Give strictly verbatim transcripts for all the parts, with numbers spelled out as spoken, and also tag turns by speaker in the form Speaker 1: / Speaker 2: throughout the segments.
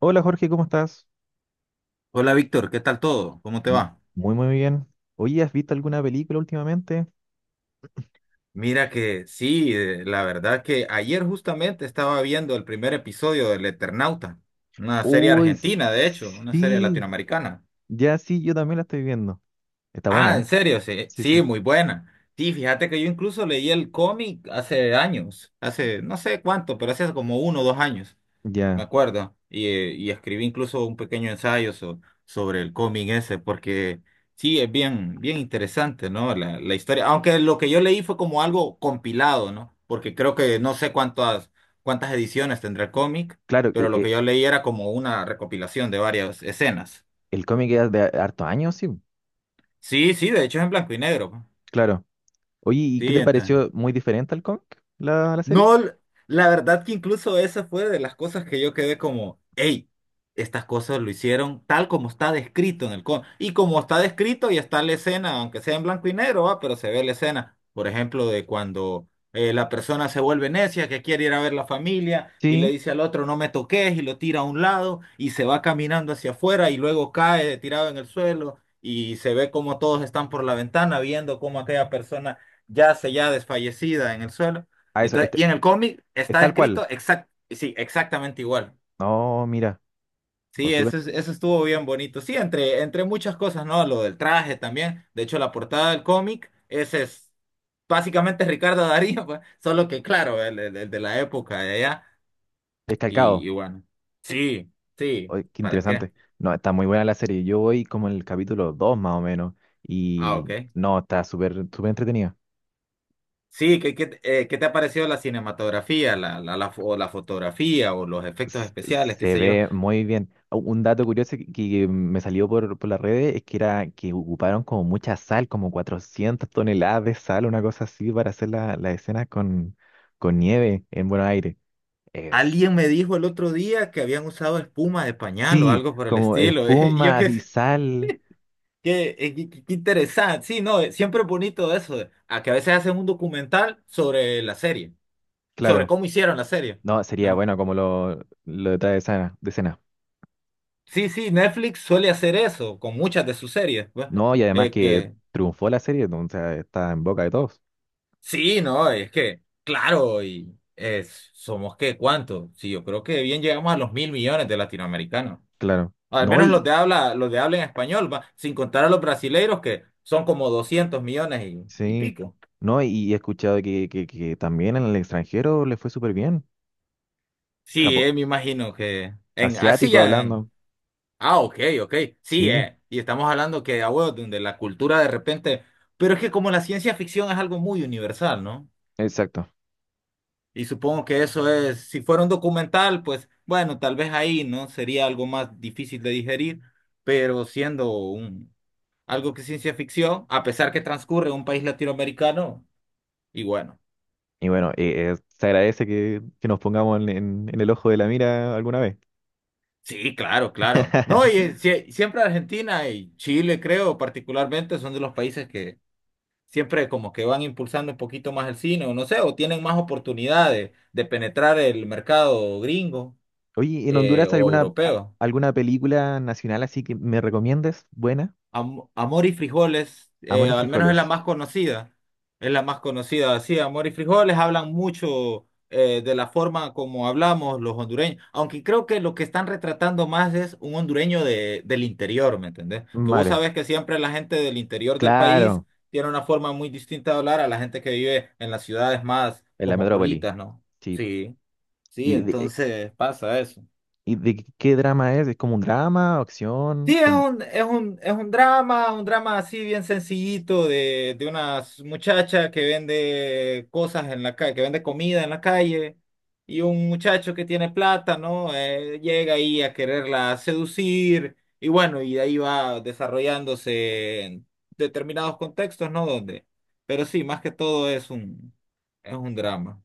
Speaker 1: Hola Jorge, ¿cómo estás?
Speaker 2: Hola Víctor, ¿qué tal todo? ¿Cómo te
Speaker 1: M-
Speaker 2: va?
Speaker 1: Muy, muy bien. Oye, ¿has visto alguna película últimamente?
Speaker 2: Mira que sí, eh, la verdad que ayer justamente estaba viendo el primer episodio del Eternauta, una serie
Speaker 1: Uy, s-
Speaker 2: argentina, de hecho, una serie
Speaker 1: sí,
Speaker 2: latinoamericana.
Speaker 1: ya sí, yo también la estoy viendo. Está
Speaker 2: Ah,
Speaker 1: buena, ¿eh?
Speaker 2: en serio, sí,
Speaker 1: Sí,
Speaker 2: sí,
Speaker 1: sí.
Speaker 2: muy buena. Sí, fíjate que yo incluso leí el cómic hace años, hace no sé cuánto, pero hace como uno o dos años, me
Speaker 1: Ya.
Speaker 2: acuerdo. Y, eh, y escribí incluso un pequeño ensayo so- sobre el cómic ese, porque sí, es bien, bien interesante, ¿no? La, la historia. Aunque lo que yo leí fue como algo compilado, ¿no? Porque creo que no sé cuántas, cuántas ediciones tendrá el cómic,
Speaker 1: Claro,
Speaker 2: pero
Speaker 1: e-
Speaker 2: lo que
Speaker 1: e-
Speaker 2: yo leí era como una recopilación de varias escenas.
Speaker 1: el cómic es de hartos años, sí.
Speaker 2: Sí, sí, de hecho es en blanco y negro, pues.
Speaker 1: Claro. Oye, ¿y qué
Speaker 2: Sí,
Speaker 1: te
Speaker 2: entonces.
Speaker 1: pareció muy diferente al cómic, la, la serie?
Speaker 2: No, l- la verdad que incluso esa fue de las cosas que yo quedé como, hey, estas cosas lo hicieron tal como está descrito en el cómic. Y como está descrito y está la escena, aunque sea en blanco y negro, va, pero se ve la escena, por ejemplo, de cuando eh, la persona se vuelve necia, que quiere ir a ver la familia y le
Speaker 1: Sí.
Speaker 2: dice al otro, no me toques, y lo tira a un lado y se va caminando hacia afuera y luego cae tirado en el suelo y se ve como todos están por la ventana viendo cómo aquella persona yace ya desfallecida en el suelo.
Speaker 1: Ah, eso,
Speaker 2: Entonces,
Speaker 1: este-
Speaker 2: y en el cómic
Speaker 1: es
Speaker 2: está
Speaker 1: tal cual.
Speaker 2: escrito exact, sí, exactamente igual.
Speaker 1: No, mira, o
Speaker 2: Sí,
Speaker 1: súper,
Speaker 2: eso, es- eso estuvo bien bonito. Sí, entre, entre muchas cosas, ¿no? Lo del traje también. De hecho, la portada del cómic, ese es básicamente Ricardo Darín, pues, solo que claro, el, el- el de la época de allá.
Speaker 1: es
Speaker 2: Y,
Speaker 1: calcado.
Speaker 2: y bueno, sí, sí,
Speaker 1: Oye, qué
Speaker 2: ¿para qué?
Speaker 1: interesante. No, está muy buena la serie. Yo voy como en el capítulo dos más o menos.
Speaker 2: Ah, ok.
Speaker 1: Y no, está súper, súper entretenida.
Speaker 2: Sí, ¿qué, qué, eh, qué te ha parecido la cinematografía, la, la, la, fo- o la fotografía o los efectos
Speaker 1: s-
Speaker 2: especiales, qué
Speaker 1: Se
Speaker 2: sé yo?
Speaker 1: ve muy bien. Ah, un dato curioso que, que me salió por, por las redes es que era que ocuparon como mucha sal, como cuatrocientas toneladas de sal, una cosa así, para hacer la, las escenas con, con nieve en Buenos Aires. Es,
Speaker 2: Alguien me dijo el otro día que habían usado espuma de pañal o
Speaker 1: sí,
Speaker 2: algo por el
Speaker 1: como
Speaker 2: estilo. Y yo
Speaker 1: espuma
Speaker 2: qué
Speaker 1: y sal.
Speaker 2: qué eh, que- que interesante. Sí, no, eh, siempre es bonito eso. eh, A que a veces hacen un documental sobre la serie, sobre
Speaker 1: Claro,
Speaker 2: cómo hicieron la serie,
Speaker 1: no, sería
Speaker 2: ¿no?
Speaker 1: bueno como lo, lo detrás de escena, de escena.
Speaker 2: Sí, sí, Netflix suele hacer eso con muchas de sus series, pues.
Speaker 1: No, y además
Speaker 2: Es
Speaker 1: que
Speaker 2: que,
Speaker 1: triunfó la serie, o sea, está en boca de todos.
Speaker 2: sí, no, es que, claro, y es, somos qué, ¿cuánto? Sí, yo creo que bien llegamos a los mil millones de latinoamericanos.
Speaker 1: Claro.
Speaker 2: Al
Speaker 1: No,
Speaker 2: menos los
Speaker 1: y,
Speaker 2: de habla, los de habla en español, va, sin contar a los brasileiros que son como doscientos millones y, y
Speaker 1: sí,
Speaker 2: pico.
Speaker 1: no, y, y he escuchado que, que, que también en el extranjero le fue súper bien.
Speaker 2: Sí,
Speaker 1: Japón,
Speaker 2: eh, me imagino que en así
Speaker 1: asiático
Speaker 2: ya en
Speaker 1: hablando.
Speaker 2: Ah, ok, ok. Sí,
Speaker 1: Sí,
Speaker 2: eh, y estamos hablando que ah, bueno, donde la cultura de repente, pero es que como la ciencia ficción es algo muy universal, ¿no?
Speaker 1: exacto.
Speaker 2: Y supongo que eso es, si fuera un documental, pues bueno, tal vez ahí, ¿no? Sería algo más difícil de digerir, pero siendo un algo que es ciencia ficción, a pesar que transcurre en un país latinoamericano, y bueno.
Speaker 1: Y bueno, eh, eh, se agradece que, que nos pongamos en, en- en el ojo de la mira alguna vez.
Speaker 2: Sí, claro, claro. No, y eh, sie- siempre Argentina y Chile, creo, particularmente, son de los países que siempre como que van impulsando un poquito más el cine, o no sé, o tienen más oportunidades de penetrar el mercado gringo
Speaker 1: Oye, ¿en
Speaker 2: eh,
Speaker 1: Honduras
Speaker 2: o
Speaker 1: alguna, a-
Speaker 2: europeo.
Speaker 1: alguna película nacional así que me recomiendes? Buena.
Speaker 2: Am- Amor y frijoles, eh,
Speaker 1: Amor y
Speaker 2: al menos es la
Speaker 1: frijoles.
Speaker 2: más conocida. Es la más conocida. Sí, Amor y frijoles hablan mucho eh, de la forma como hablamos los hondureños. Aunque creo que lo que están retratando más es un hondureño de, del interior, ¿me entendés? Que vos
Speaker 1: Vale,
Speaker 2: sabés que siempre la gente del interior del país
Speaker 1: claro,
Speaker 2: tiene una forma muy distinta de hablar a la gente que vive en las ciudades más
Speaker 1: en la metrópoli.
Speaker 2: cosmopolitas, ¿no?
Speaker 1: Sí.
Speaker 2: Sí, sí,
Speaker 1: ¿Y de, eh,
Speaker 2: entonces pasa eso.
Speaker 1: y de qué drama es? ¿Es como un drama, acción?
Speaker 2: Sí, es
Speaker 1: come-
Speaker 2: un, es un, es un drama, un drama así bien sencillito de, de una muchacha que vende cosas en la calle, que vende comida en la calle, y un muchacho que tiene plata, ¿no? Eh, llega ahí a quererla seducir, y bueno, y de ahí va desarrollándose en determinados contextos, ¿no? Donde, pero sí, más que todo es un, es un, drama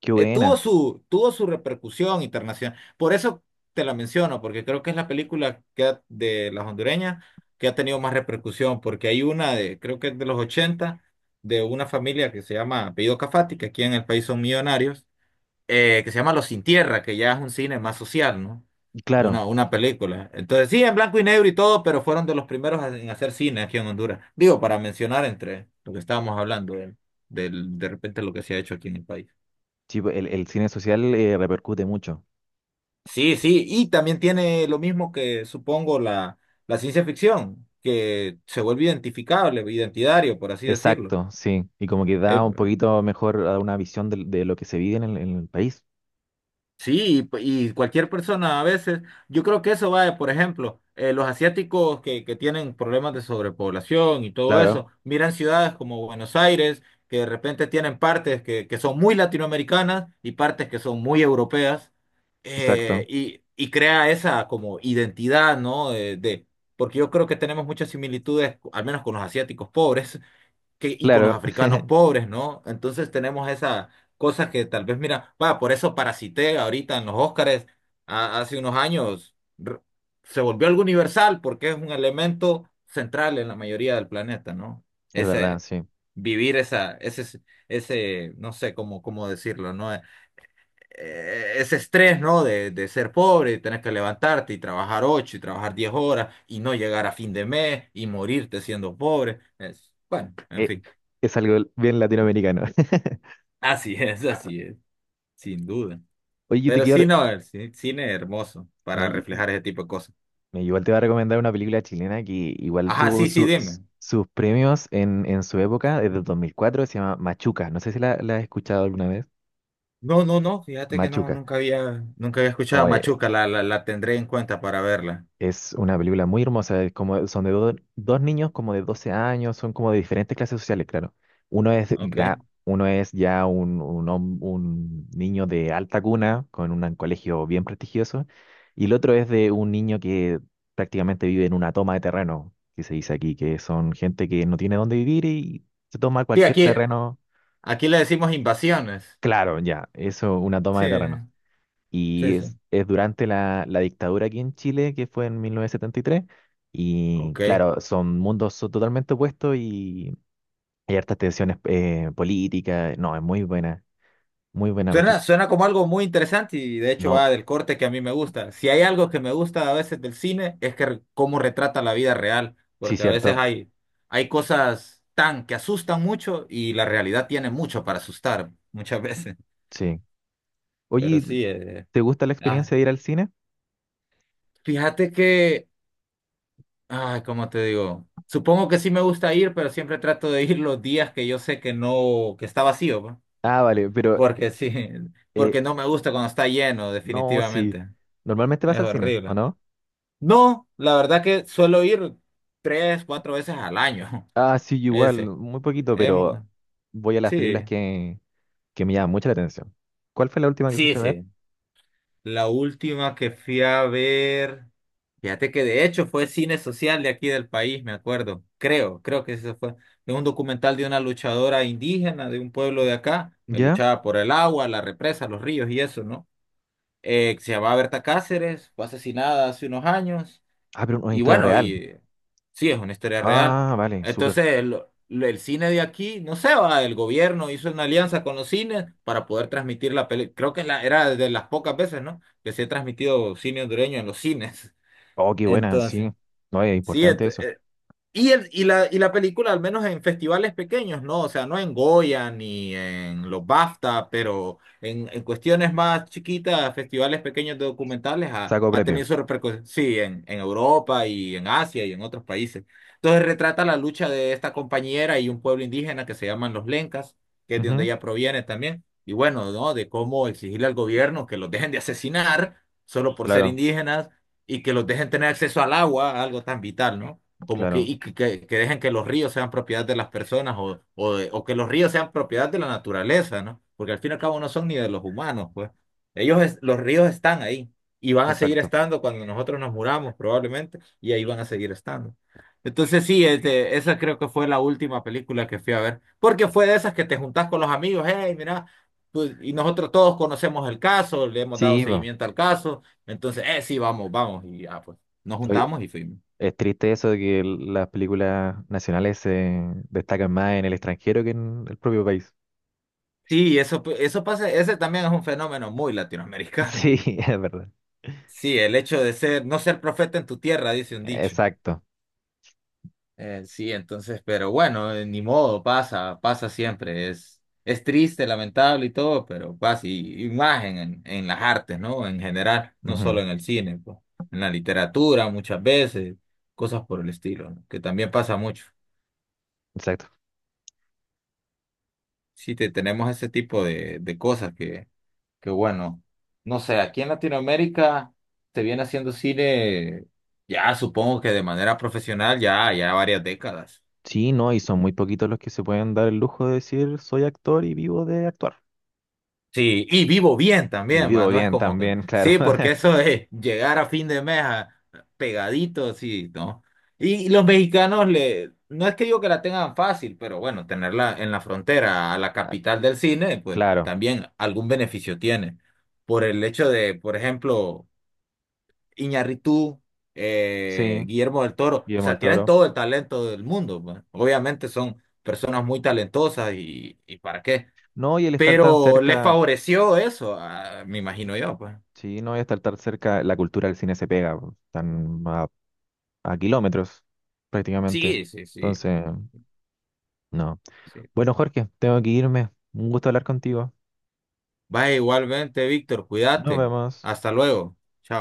Speaker 1: Qué
Speaker 2: eh, tuvo
Speaker 1: buena.
Speaker 2: su, tuvo su repercusión internacional. Por eso te la menciono, porque creo que es la película que ha- de las hondureñas que ha tenido más repercusión, porque hay una de, creo que es de los ochenta de una familia que se llama Apellido Cafati, que aquí en el país son millonarios, eh, que se llama Los Sin Tierra, que ya es un cine más social, ¿no?
Speaker 1: Claro.
Speaker 2: Una, una película. Entonces, sí, en blanco y negro y todo, pero fueron de los primeros a- en hacer cine aquí en Honduras. Digo, para mencionar entre lo que estábamos hablando de, del- de repente lo que se ha hecho aquí en el país.
Speaker 1: Sí, pues, el, el cine social eh, repercute mucho.
Speaker 2: Sí, sí, y también tiene lo mismo que supongo la, la ciencia ficción, que se vuelve identificable, identitario, por así decirlo.
Speaker 1: Exacto, sí. Y como que da
Speaker 2: Eh,
Speaker 1: un poquito mejor a una visión de de lo que se vive en el, en el país.
Speaker 2: Sí, y, p- y cualquier persona a veces, yo creo que eso va, de, por ejemplo, eh, los asiáticos que, que tienen problemas de sobrepoblación y todo eso,
Speaker 1: Claro,
Speaker 2: miran ciudades como Buenos Aires, que de repente tienen partes que, que son muy latinoamericanas y partes que son muy europeas, eh,
Speaker 1: exacto.
Speaker 2: y, y crea esa como identidad, ¿no? De, de- porque yo creo que tenemos muchas similitudes, al menos con los asiáticos pobres, que, y con los
Speaker 1: Claro,
Speaker 2: africanos pobres, ¿no? Entonces tenemos esa cosa que tal vez, mira, va, por eso parasité ahorita en los Óscares a- hace unos años, r- se volvió algo universal porque es un elemento central en la mayoría del planeta, ¿no?
Speaker 1: es verdad,
Speaker 2: Ese
Speaker 1: sí.
Speaker 2: vivir esa, ese, ese, no sé cómo, cómo decirlo, ¿no? Eh, Ese estrés, ¿no? De, de ser pobre, y tener que levantarte y trabajar ocho y trabajar diez horas y no llegar a fin de mes y morirte siendo pobre. Es, bueno, en
Speaker 1: Eh,
Speaker 2: fin.
Speaker 1: es algo bien latinoamericano.
Speaker 2: Así es, así es, sin duda.
Speaker 1: Oye, yo te
Speaker 2: Pero
Speaker 1: quiero...
Speaker 2: sí,
Speaker 1: re-
Speaker 2: no, el ci- cine es hermoso
Speaker 1: No,
Speaker 2: para
Speaker 1: yo-
Speaker 2: reflejar ese tipo de cosas.
Speaker 1: me- igual te voy a recomendar una película chilena que igual
Speaker 2: Ajá,
Speaker 1: tuvo
Speaker 2: sí, sí,
Speaker 1: su- s-
Speaker 2: dime.
Speaker 1: sus premios en, en su época, desde el dos mil cuatro. Se llama Machuca. No sé si la, la has escuchado alguna vez.
Speaker 2: No, no, no, fíjate que no,
Speaker 1: Machuca.
Speaker 2: nunca había, nunca había escuchado Machuca, la, la, la tendré en cuenta para verla.
Speaker 1: Es una película muy hermosa, es como, son de do- dos niños como de doce años, son como de diferentes clases sociales, claro. Uno es, gra-
Speaker 2: Ok.
Speaker 1: uno es ya un, un, hom- un niño de alta cuna, con un colegio bien prestigioso, y el otro es de un niño que prácticamente vive en una toma de terreno, que se dice aquí, que son gente que no tiene dónde vivir y se toma
Speaker 2: Sí,
Speaker 1: cualquier
Speaker 2: aquí,
Speaker 1: terreno.
Speaker 2: aquí le decimos invasiones.
Speaker 1: Claro, ya, eso, una toma
Speaker 2: Sí,
Speaker 1: de terreno.
Speaker 2: sí,
Speaker 1: Y es,
Speaker 2: sí.
Speaker 1: es durante la, la dictadura aquí en Chile, que fue en mil novecientos setenta y tres. Y tres, y
Speaker 2: Ok.
Speaker 1: claro, son mundos so- totalmente opuestos y hay hartas tensiones eh, políticas. No, es muy buena, muy buena Machu.
Speaker 2: Suena, suena como algo muy interesante y de hecho
Speaker 1: No,
Speaker 2: va del corte que a mí me gusta. Si hay algo que me gusta a veces del cine es que re- cómo retrata la vida real,
Speaker 1: sí,
Speaker 2: porque a veces
Speaker 1: cierto,
Speaker 2: hay, hay cosas tan que asustan mucho y la realidad tiene mucho para asustar muchas veces.
Speaker 1: sí.
Speaker 2: Pero
Speaker 1: Oye,
Speaker 2: sí, eh,
Speaker 1: ¿te gusta la
Speaker 2: ah,
Speaker 1: experiencia de ir al cine?
Speaker 2: fíjate que, ay, ¿cómo te digo? Supongo que sí me gusta ir, pero siempre trato de ir los días que yo sé que no, que está vacío, ¿va?
Speaker 1: Ah, vale, pero
Speaker 2: Porque sí,
Speaker 1: eh,
Speaker 2: porque no me gusta cuando está lleno,
Speaker 1: no, sí.
Speaker 2: definitivamente.
Speaker 1: Normalmente vas
Speaker 2: Es
Speaker 1: al cine, ¿o
Speaker 2: horrible.
Speaker 1: no?
Speaker 2: No, la verdad que suelo ir tres, cuatro veces al año.
Speaker 1: Ah, sí, yo igual,
Speaker 2: Ese.
Speaker 1: muy poquito,
Speaker 2: Em,
Speaker 1: pero voy a las
Speaker 2: sí,
Speaker 1: películas que, que me llaman mucho la atención. ¿Cuál fue la última que
Speaker 2: sí,
Speaker 1: fuiste a ver?
Speaker 2: sí. La última que fui a ver, fíjate que de hecho fue cine social de aquí del país, me acuerdo. Creo, creo que eso fue. Es un documental de una luchadora indígena de un pueblo de acá, que
Speaker 1: ¿Ya?
Speaker 2: luchaba por el agua, la represa, los ríos y eso, ¿no? Eh, que se llamaba Berta Cáceres, fue asesinada hace unos años.
Speaker 1: Ah, pero una
Speaker 2: Y
Speaker 1: historia
Speaker 2: bueno,
Speaker 1: real.
Speaker 2: y sí, es una historia real.
Speaker 1: Ah, vale, súper.
Speaker 2: Entonces, lo- lo- el, cine de aquí, no sé, va, el gobierno hizo una alianza con los cines para poder transmitir la película. Creo que la, era de las pocas veces, ¿no? Que se ha transmitido cine hondureño en los cines.
Speaker 1: Oh, qué buena,
Speaker 2: Entonces,
Speaker 1: sí. No, es
Speaker 2: sí,
Speaker 1: importante eso.
Speaker 2: y, el, y, la, y la película, al menos en festivales pequeños, no, o sea, no en Goya ni en los BAFTA, pero en, en cuestiones más chiquitas, festivales pequeños de documentales, ha,
Speaker 1: Saco
Speaker 2: ha
Speaker 1: premio.
Speaker 2: tenido su repercusión, sí, en, en Europa y en Asia y en otros países. Entonces retrata la lucha de esta compañera y un pueblo indígena que se llaman los Lencas, que es de donde
Speaker 1: Ujú,
Speaker 2: ella proviene también, y bueno, ¿no? De cómo exigirle al gobierno que los dejen de asesinar solo por ser
Speaker 1: claro,
Speaker 2: indígenas y que los dejen tener acceso al agua, algo tan vital, ¿no? Como que,
Speaker 1: claro,
Speaker 2: y que, que- que dejen que los ríos sean propiedad de las personas o, o, de- o que los ríos sean propiedad de la naturaleza, ¿no? Porque al fin y al cabo no son ni de los humanos, pues. Ellos, es- los ríos están ahí y van a seguir
Speaker 1: exacto.
Speaker 2: estando cuando nosotros nos muramos, probablemente, y ahí van a seguir estando. Entonces sí, este, esa creo que fue la última película que fui a ver, porque fue de esas que te juntás con los amigos, hey, mira, pues, y nosotros todos conocemos el caso, le hemos dado
Speaker 1: Sí, bueno.
Speaker 2: seguimiento al caso, entonces, eh, sí, vamos, vamos, y ya, pues, nos
Speaker 1: Oye,
Speaker 2: juntamos y fuimos.
Speaker 1: es triste eso de que el- las películas nacionales se destacan más en el extranjero que en el propio país.
Speaker 2: Sí, eso, eso pasa, ese también es un fenómeno muy latinoamericano.
Speaker 1: Sí, es verdad.
Speaker 2: Sí, el hecho de ser, no ser profeta en tu tierra, dice un dicho.
Speaker 1: Exacto.
Speaker 2: Eh, sí, entonces, pero bueno, eh, ni modo, pasa, pasa siempre. Es, es triste, lamentable y todo, pero pasa, y, y más en, en, en las artes, ¿no? En general, no
Speaker 1: Ujú,
Speaker 2: solo en el cine, pues, en la literatura muchas veces, cosas por el estilo, ¿no? Que también pasa mucho.
Speaker 1: exacto.
Speaker 2: Sí, te, tenemos ese tipo de, de cosas. Qué bueno. No sé, aquí en Latinoamérica se viene haciendo cine ya supongo que de manera profesional ya, ya varias décadas.
Speaker 1: Sí, no, y son muy poquitos los que se pueden dar el lujo de decir soy actor y vivo de actuar.
Speaker 2: Sí, y vivo bien
Speaker 1: Y
Speaker 2: también, va,
Speaker 1: vivo
Speaker 2: no es
Speaker 1: bien
Speaker 2: como que...
Speaker 1: también, claro.
Speaker 2: Sí, porque eso de llegar a fin de mes a- pegadito, sí, ¿no? Y los mexicanos le... No es que digo que la tengan fácil, pero bueno, tenerla en la frontera, a la
Speaker 1: Ah,
Speaker 2: capital del cine, pues
Speaker 1: claro,
Speaker 2: también algún beneficio tiene. Por el hecho de, por ejemplo... Iñárritu, eh,
Speaker 1: sí,
Speaker 2: Guillermo del Toro, o
Speaker 1: Guillermo el
Speaker 2: sea, tienen
Speaker 1: Toro.
Speaker 2: todo el talento del mundo. ¿Va? Obviamente son personas muy talentosas y, y para qué,
Speaker 1: No, y el estar tan
Speaker 2: pero le
Speaker 1: cerca.
Speaker 2: favoreció eso, a- me imagino yo, pues.
Speaker 1: Sí, no voy a estar tan cerca, la cultura del cine se pega, po, están a, a kilómetros prácticamente.
Speaker 2: Sí, sí, sí,
Speaker 1: Entonces, no.
Speaker 2: sí.
Speaker 1: Bueno, Jorge, tengo que irme. Un gusto hablar contigo.
Speaker 2: Vaya igualmente, Víctor,
Speaker 1: Nos
Speaker 2: cuídate.
Speaker 1: vemos.
Speaker 2: Hasta luego. Chao.